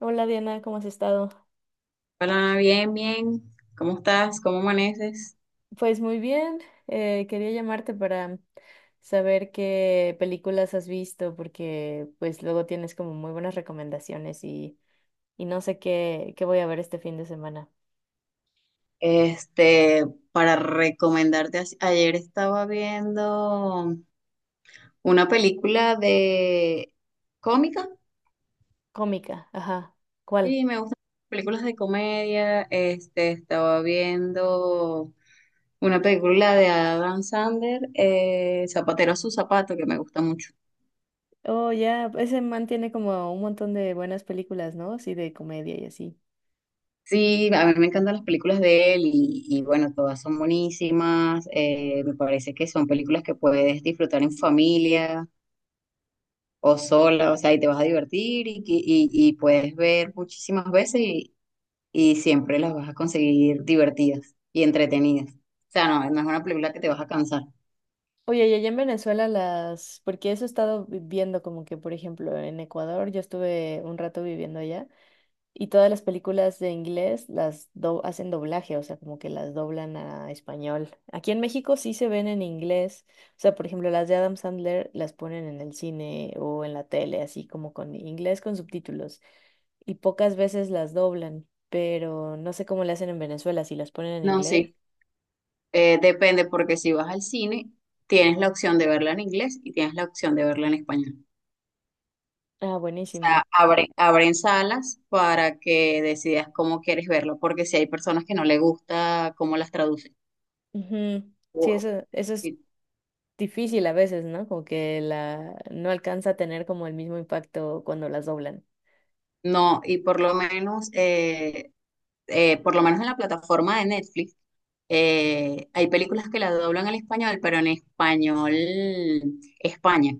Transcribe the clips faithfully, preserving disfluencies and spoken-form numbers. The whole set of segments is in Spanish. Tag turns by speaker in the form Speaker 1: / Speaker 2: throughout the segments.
Speaker 1: Hola Diana, ¿cómo has estado?
Speaker 2: Hola, bien, bien. ¿Cómo estás? ¿Cómo amaneces?
Speaker 1: Pues muy bien, eh, quería llamarte para saber qué películas has visto porque pues luego tienes como muy buenas recomendaciones y, y no sé qué, qué voy a ver este fin de semana.
Speaker 2: Este, para recomendarte, as- ayer estaba viendo una película de cómica.
Speaker 1: Cómica, ajá. ¿Cuál?
Speaker 2: Sí, me gustan las películas de comedia. Este, estaba viendo una película de Adam Sandler, eh, Zapatero a su zapato, que me gusta mucho.
Speaker 1: Oh, ya, ese man tiene como un montón de buenas películas, ¿no? Sí, de comedia y así.
Speaker 2: Sí, a mí me encantan las películas de él y, y bueno, todas son buenísimas. Eh, me parece que son películas que puedes disfrutar en familia o sola, o sea, y te vas a divertir y, que- y, y puedes ver muchísimas veces y, y siempre las vas a conseguir divertidas y entretenidas. O sea, no, no es una película que te vas a cansar.
Speaker 1: Oye, y allá en Venezuela las, porque eso he estado vi- viendo como que, por ejemplo, en Ecuador, yo estuve un rato viviendo allá. Y todas las películas de inglés las do- hacen doblaje, o sea, como que las doblan a español. Aquí en México sí se ven en inglés, o sea, por ejemplo, las de Adam Sandler las ponen en el cine o en la tele, así como con inglés con subtítulos, y pocas veces las doblan, pero no sé cómo le hacen en Venezuela, si las ponen en
Speaker 2: No,
Speaker 1: inglés.
Speaker 2: sí, eh, depende porque si vas al cine, tienes la opción de verla en inglés y tienes la opción de verla en español.
Speaker 1: Ah, buenísimo.
Speaker 2: Sea, abren, abren salas para que decidas cómo quieres verlo, porque si hay personas que no le gusta cómo las traducen.
Speaker 1: Ujú. Sí,
Speaker 2: o-
Speaker 1: eso, eso es
Speaker 2: y-
Speaker 1: difícil a veces, ¿no? Como que la no alcanza a tener como el mismo impacto cuando las doblan.
Speaker 2: No, y por lo menos, eh, eh, por lo menos en la plataforma de Netflix, eh, hay películas que las doblan al español, pero en español España.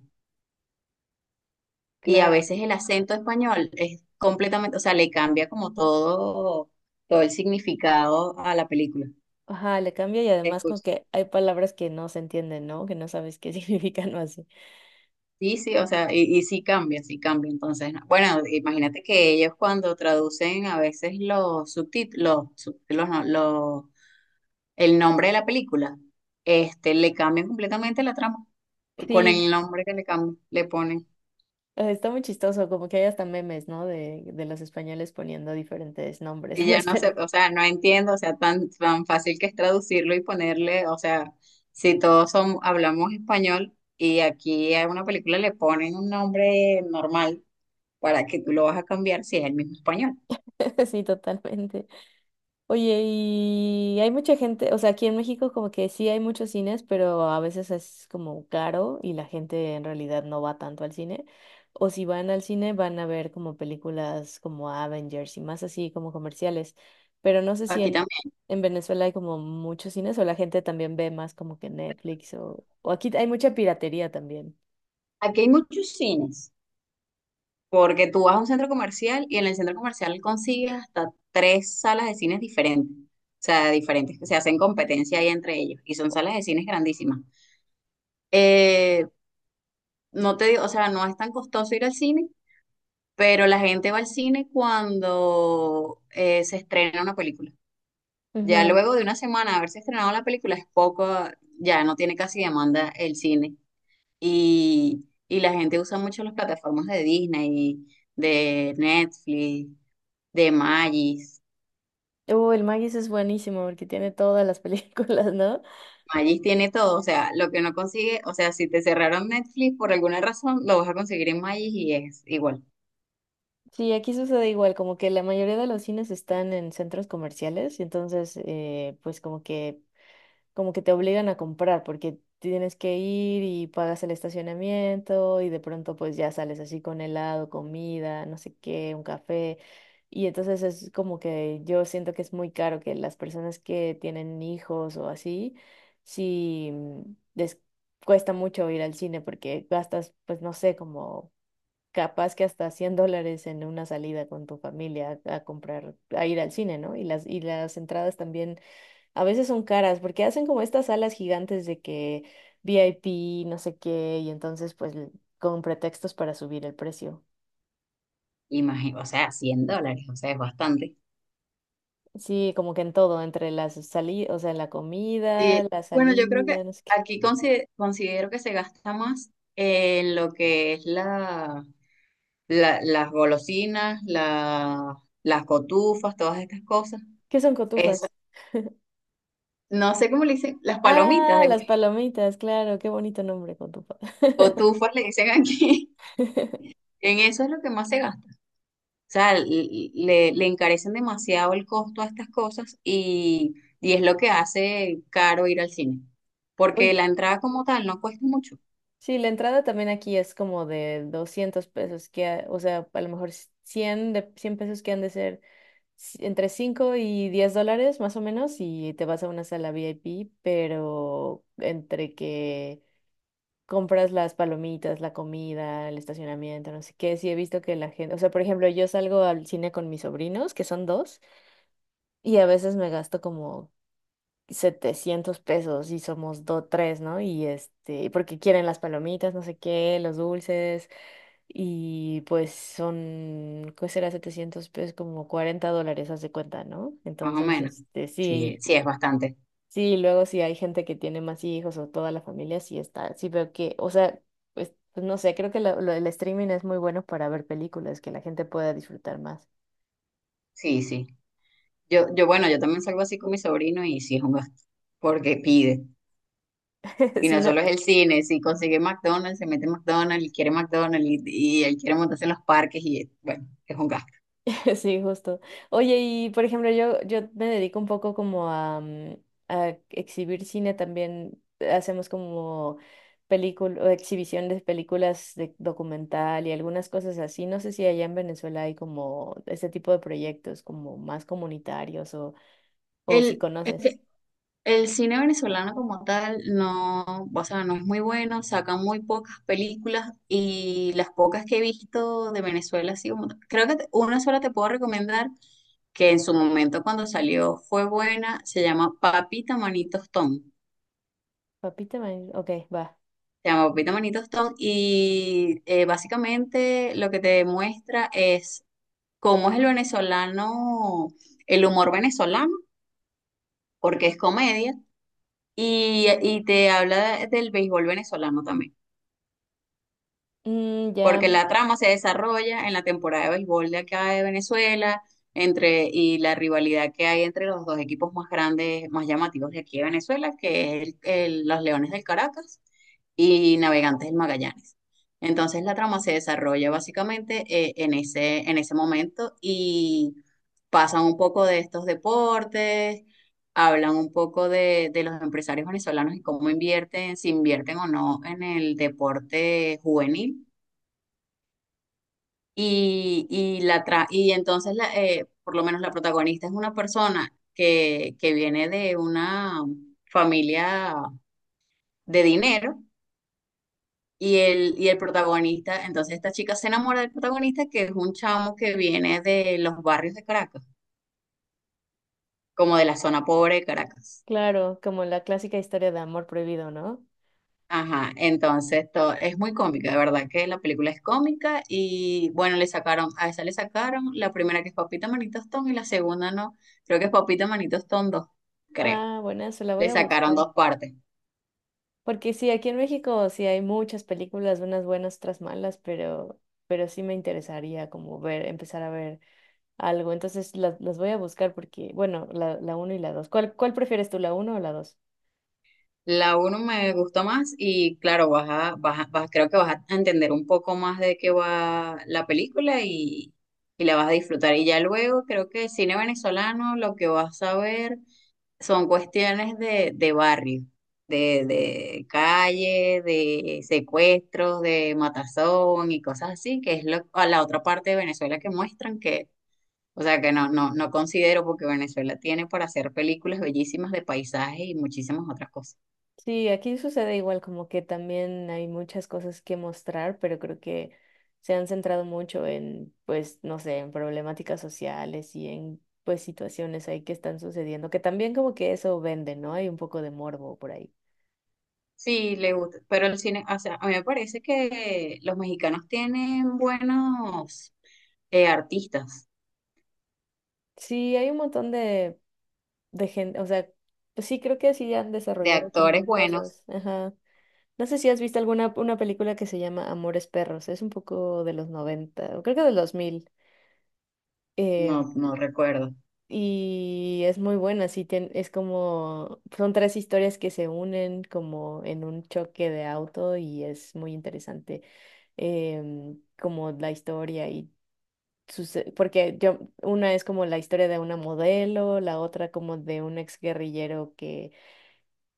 Speaker 2: Y a
Speaker 1: Claro.
Speaker 2: veces el acento español es completamente, o sea, le cambia como todo, todo el significado a la película.
Speaker 1: Ajá, le cambia y además con que hay palabras que no se entienden, ¿no? Que no sabes qué significan o así.
Speaker 2: Sí, sí, o sea, y, y sí cambia, sí cambia. Entonces, no. Bueno, imagínate que ellos cuando traducen a veces los subtítulos, los, subtítulos no, los- el nombre de la película, este, le cambian completamente la trama con
Speaker 1: Sí,
Speaker 2: el nombre que le cambian, le ponen.
Speaker 1: eh, está muy chistoso, como que hay hasta memes, ¿no? De, de los españoles poniendo diferentes nombres
Speaker 2: Y
Speaker 1: a
Speaker 2: ya
Speaker 1: las
Speaker 2: no sé,
Speaker 1: películas.
Speaker 2: o sea, no entiendo, o sea, tan, tan fácil que es traducirlo y ponerle, o sea, si todos son, hablamos español y aquí a una película le ponen un nombre normal para que tú lo vas a cambiar si es el mismo español.
Speaker 1: Sí, totalmente. Oye, y hay mucha gente, o sea, aquí en México como que sí hay muchos cines, pero a veces es como caro y la gente en realidad no va tanto al cine. O si van al cine van a ver como películas como Avengers y más así como comerciales. Pero no sé si
Speaker 2: Aquí
Speaker 1: en,
Speaker 2: también.
Speaker 1: en Venezuela hay como muchos cines o la gente también ve más como que Netflix o, o aquí hay mucha piratería también.
Speaker 2: Aquí hay muchos cines, porque tú vas a un centro comercial y en el centro comercial consigues hasta tres salas de cines diferentes, o sea, diferentes, que se hacen competencia ahí entre ellos, y son salas de cines grandísimas. Eh, no te digo, o sea, no es tan costoso ir al cine, pero la gente va al cine cuando eh, se estrena una película. Ya
Speaker 1: Ujú.
Speaker 2: luego de una semana de haberse estrenado la película es poco, ya no tiene casi demanda el cine. Y, y la gente usa mucho las plataformas de Disney, de Netflix, de Magis.
Speaker 1: Uh, el Magis es buenísimo porque tiene todas las películas, ¿no?
Speaker 2: Magis tiene todo, o sea, lo que no consigue, o sea, si te cerraron Netflix por alguna razón, lo vas a conseguir en Magis y es igual.
Speaker 1: Sí, aquí sucede igual, como que la mayoría de los cines están en centros comerciales, y entonces eh, pues como que, como que te obligan a comprar, porque tienes que ir y pagas el estacionamiento, y de pronto pues ya sales así con helado, comida, no sé qué, un café. Y entonces es como que yo siento que es muy caro que las personas que tienen hijos o así, sí mm, les cuesta mucho ir al cine porque gastas, pues no sé, como capaz que hasta cien dólares en una salida con tu familia a, a comprar, a ir al cine, ¿no? Y las, y las entradas también a veces son caras porque hacen como estas salas gigantes de que VIP, no sé qué, y entonces pues l- con pretextos para subir el precio.
Speaker 2: Imagino, o sea, cien dólares, o sea, es bastante.
Speaker 1: Sí, como que en todo, entre las salidas, o sea, la
Speaker 2: Y
Speaker 1: comida, la
Speaker 2: bueno, yo creo que
Speaker 1: salida, no sé qué.
Speaker 2: aquí consi- considero que se gasta más en lo que es la, la- las golosinas, la- las cotufas, todas estas cosas.
Speaker 1: ¿Qué son cotufas?
Speaker 2: No sé cómo le dicen, las palomitas
Speaker 1: Ah,
Speaker 2: de
Speaker 1: las
Speaker 2: maíz,
Speaker 1: palomitas, claro, qué bonito nombre, cotufa.
Speaker 2: cotufas le dicen aquí. En eso es lo que más se gasta. O sea, l- le, le encarecen demasiado el costo a estas cosas y, y es lo que hace caro ir al cine. Porque
Speaker 1: Oye,
Speaker 2: la entrada como tal no cuesta mucho,
Speaker 1: sí, la entrada también aquí es como de doscientos pesos, que, a- o sea, a lo mejor cien de, cien pesos que han de ser ci- entre cinco y diez dólares más o menos y te vas a una sala VIP, pero entre que compras las palomitas, la comida, el estacionamiento, no sé qué, sí he visto que la gente, o sea, por ejemplo, yo salgo al cine con mis sobrinos, que son dos, y a veces me gasto como setecientos pesos y somos dos, tres, ¿no? Y este, porque quieren las palomitas, no sé qué, los dulces, y pues son, ¿qué será setecientos pesos? Como cuarenta dólares, haz de cuenta, ¿no?
Speaker 2: más o
Speaker 1: Entonces,
Speaker 2: menos.
Speaker 1: este,
Speaker 2: Sí,
Speaker 1: sí,
Speaker 2: sí es
Speaker 1: y-
Speaker 2: bastante.
Speaker 1: sí, luego si hay gente que tiene más hijos o toda la familia, sí está, sí veo que, o sea, pues, pues no sé, creo que lo- lo- el streaming es muy bueno para ver películas que la gente pueda disfrutar más.
Speaker 2: Sí, sí. Yo, yo, bueno, yo también salgo así con mi sobrino y sí es un gasto. Porque pide. Y
Speaker 1: Sí,
Speaker 2: no
Speaker 1: no,
Speaker 2: solo es el cine, si consigue McDonald's, se mete en McDonald's y quiere McDonald's y, y él quiere montarse en los parques y bueno, es un gasto.
Speaker 1: Sí, justo. Oye, y por ejemplo, yo, yo, me dedico un poco como a, mm, a exhibir cine también. Hacemos como película, exhibición de películas de documental y algunas cosas así. No sé si allá en Venezuela hay como este tipo de proyectos como más comunitarios o, o si
Speaker 2: El, es
Speaker 1: conoces.
Speaker 2: que el cine venezolano como tal no, o sea, no es muy bueno, sacan muy pocas películas y las pocas que he visto de Venezuela, así como, creo que te- una sola te puedo recomendar que en su momento cuando salió fue buena, se llama Papita Manitos Tom.
Speaker 1: Papita Man, ok, va.
Speaker 2: Se llama Papita Manitos Tom y eh, básicamente lo que te demuestra es cómo es el venezolano, el humor venezolano, porque es comedia. Y, y te habla del béisbol venezolano también,
Speaker 1: Mm, ya,
Speaker 2: porque la trama se desarrolla en la temporada de béisbol de acá de Venezuela entre, y la rivalidad que hay entre los dos equipos más grandes, más llamativos de aquí de Venezuela, que es el- el- los Leones del Caracas y Navegantes del Magallanes. Entonces la trama se desarrolla básicamente eh, en ese, en ese momento y pasan un poco de estos deportes, hablan un poco de, de los empresarios venezolanos y cómo invierten, si invierten o no en el deporte juvenil y, y, la tra- y entonces, la, eh, por lo menos la protagonista es una persona que, que viene de una familia de dinero y el, y el protagonista, entonces esta chica se enamora del protagonista que es un chamo que viene de los barrios de Caracas, como de la zona pobre de Caracas.
Speaker 1: claro, como la clásica historia de amor prohibido, ¿no?
Speaker 2: Ajá, entonces to- es muy cómica, de verdad que la película es cómica y bueno, le sacaron, a esa le sacaron la primera que es Papita Manito Tostón y la segunda no, creo que es Papita Manito Tostón dos creo.
Speaker 1: Ah, buena, se la voy
Speaker 2: Le
Speaker 1: a
Speaker 2: sacaron
Speaker 1: buscar.
Speaker 2: dos partes.
Speaker 1: Porque sí, aquí en México sí hay muchas películas, unas buenas, otras malas, pero, pero sí me interesaría como ver, empezar a ver algo. Entonces las, las voy a buscar porque, bueno, la, la uno y la dos. ¿Cuál, cuál prefieres tú, la uno o la dos?
Speaker 2: La uno me gustó más y claro, vas a, vas a- vas- creo que vas a entender un poco más de qué va la película y, y la vas a disfrutar. Y ya luego creo que el cine venezolano lo que vas a ver son cuestiones de, de barrio, de, de calle, de secuestros, de matazón y cosas así, que es lo, a la otra parte de Venezuela que muestran. O sea que no, no, no considero porque Venezuela tiene para hacer películas bellísimas de paisajes y muchísimas otras cosas.
Speaker 1: Sí, aquí sucede igual, como que también hay muchas cosas que mostrar, pero creo que se han centrado mucho en, pues, no sé, en problemáticas sociales y en, pues, situaciones ahí que están sucediendo, que también como que eso vende, ¿no? Hay un poco de morbo por ahí.
Speaker 2: Sí, le gusta, pero el cine, o sea, a mí me parece que los mexicanos tienen buenos eh, artistas,
Speaker 1: Sí, hay un montón de de gente, o sea, pues sí, creo que sí han
Speaker 2: de
Speaker 1: desarrollado como
Speaker 2: actores buenos,
Speaker 1: cosas. Ajá. No sé si has visto alguna una película que se llama Amores Perros, es un poco de los noventa, o creo que de los dos mil, eh,
Speaker 2: no, no recuerdo.
Speaker 1: y es muy buena, sí, tien- es como, son tres historias que se unen como en un choque de auto y es muy interesante em, como la historia y sus, porque yo, una es como la historia de una modelo, la otra como de un exguerrillero que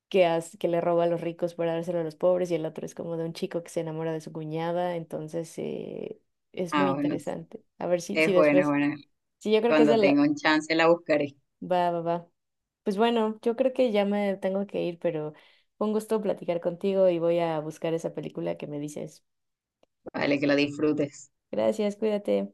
Speaker 1: que, hace- que le roba a los ricos para dárselo a los pobres, y el otro es como de un chico que se enamora de su cuñada, entonces eh, es muy
Speaker 2: Ah, bueno,
Speaker 1: interesante. A ver si, si
Speaker 2: es bueno, es
Speaker 1: después,
Speaker 2: bueno.
Speaker 1: sí, yo creo que es de
Speaker 2: Cuando tenga
Speaker 1: la.
Speaker 2: un chance la buscaré,
Speaker 1: Va, va, va. Pues bueno, yo creo que ya me tengo que ir, pero fue un gusto platicar contigo y voy a buscar esa película que me dices.
Speaker 2: vale, que la disfrutes.
Speaker 1: Gracias, cuídate.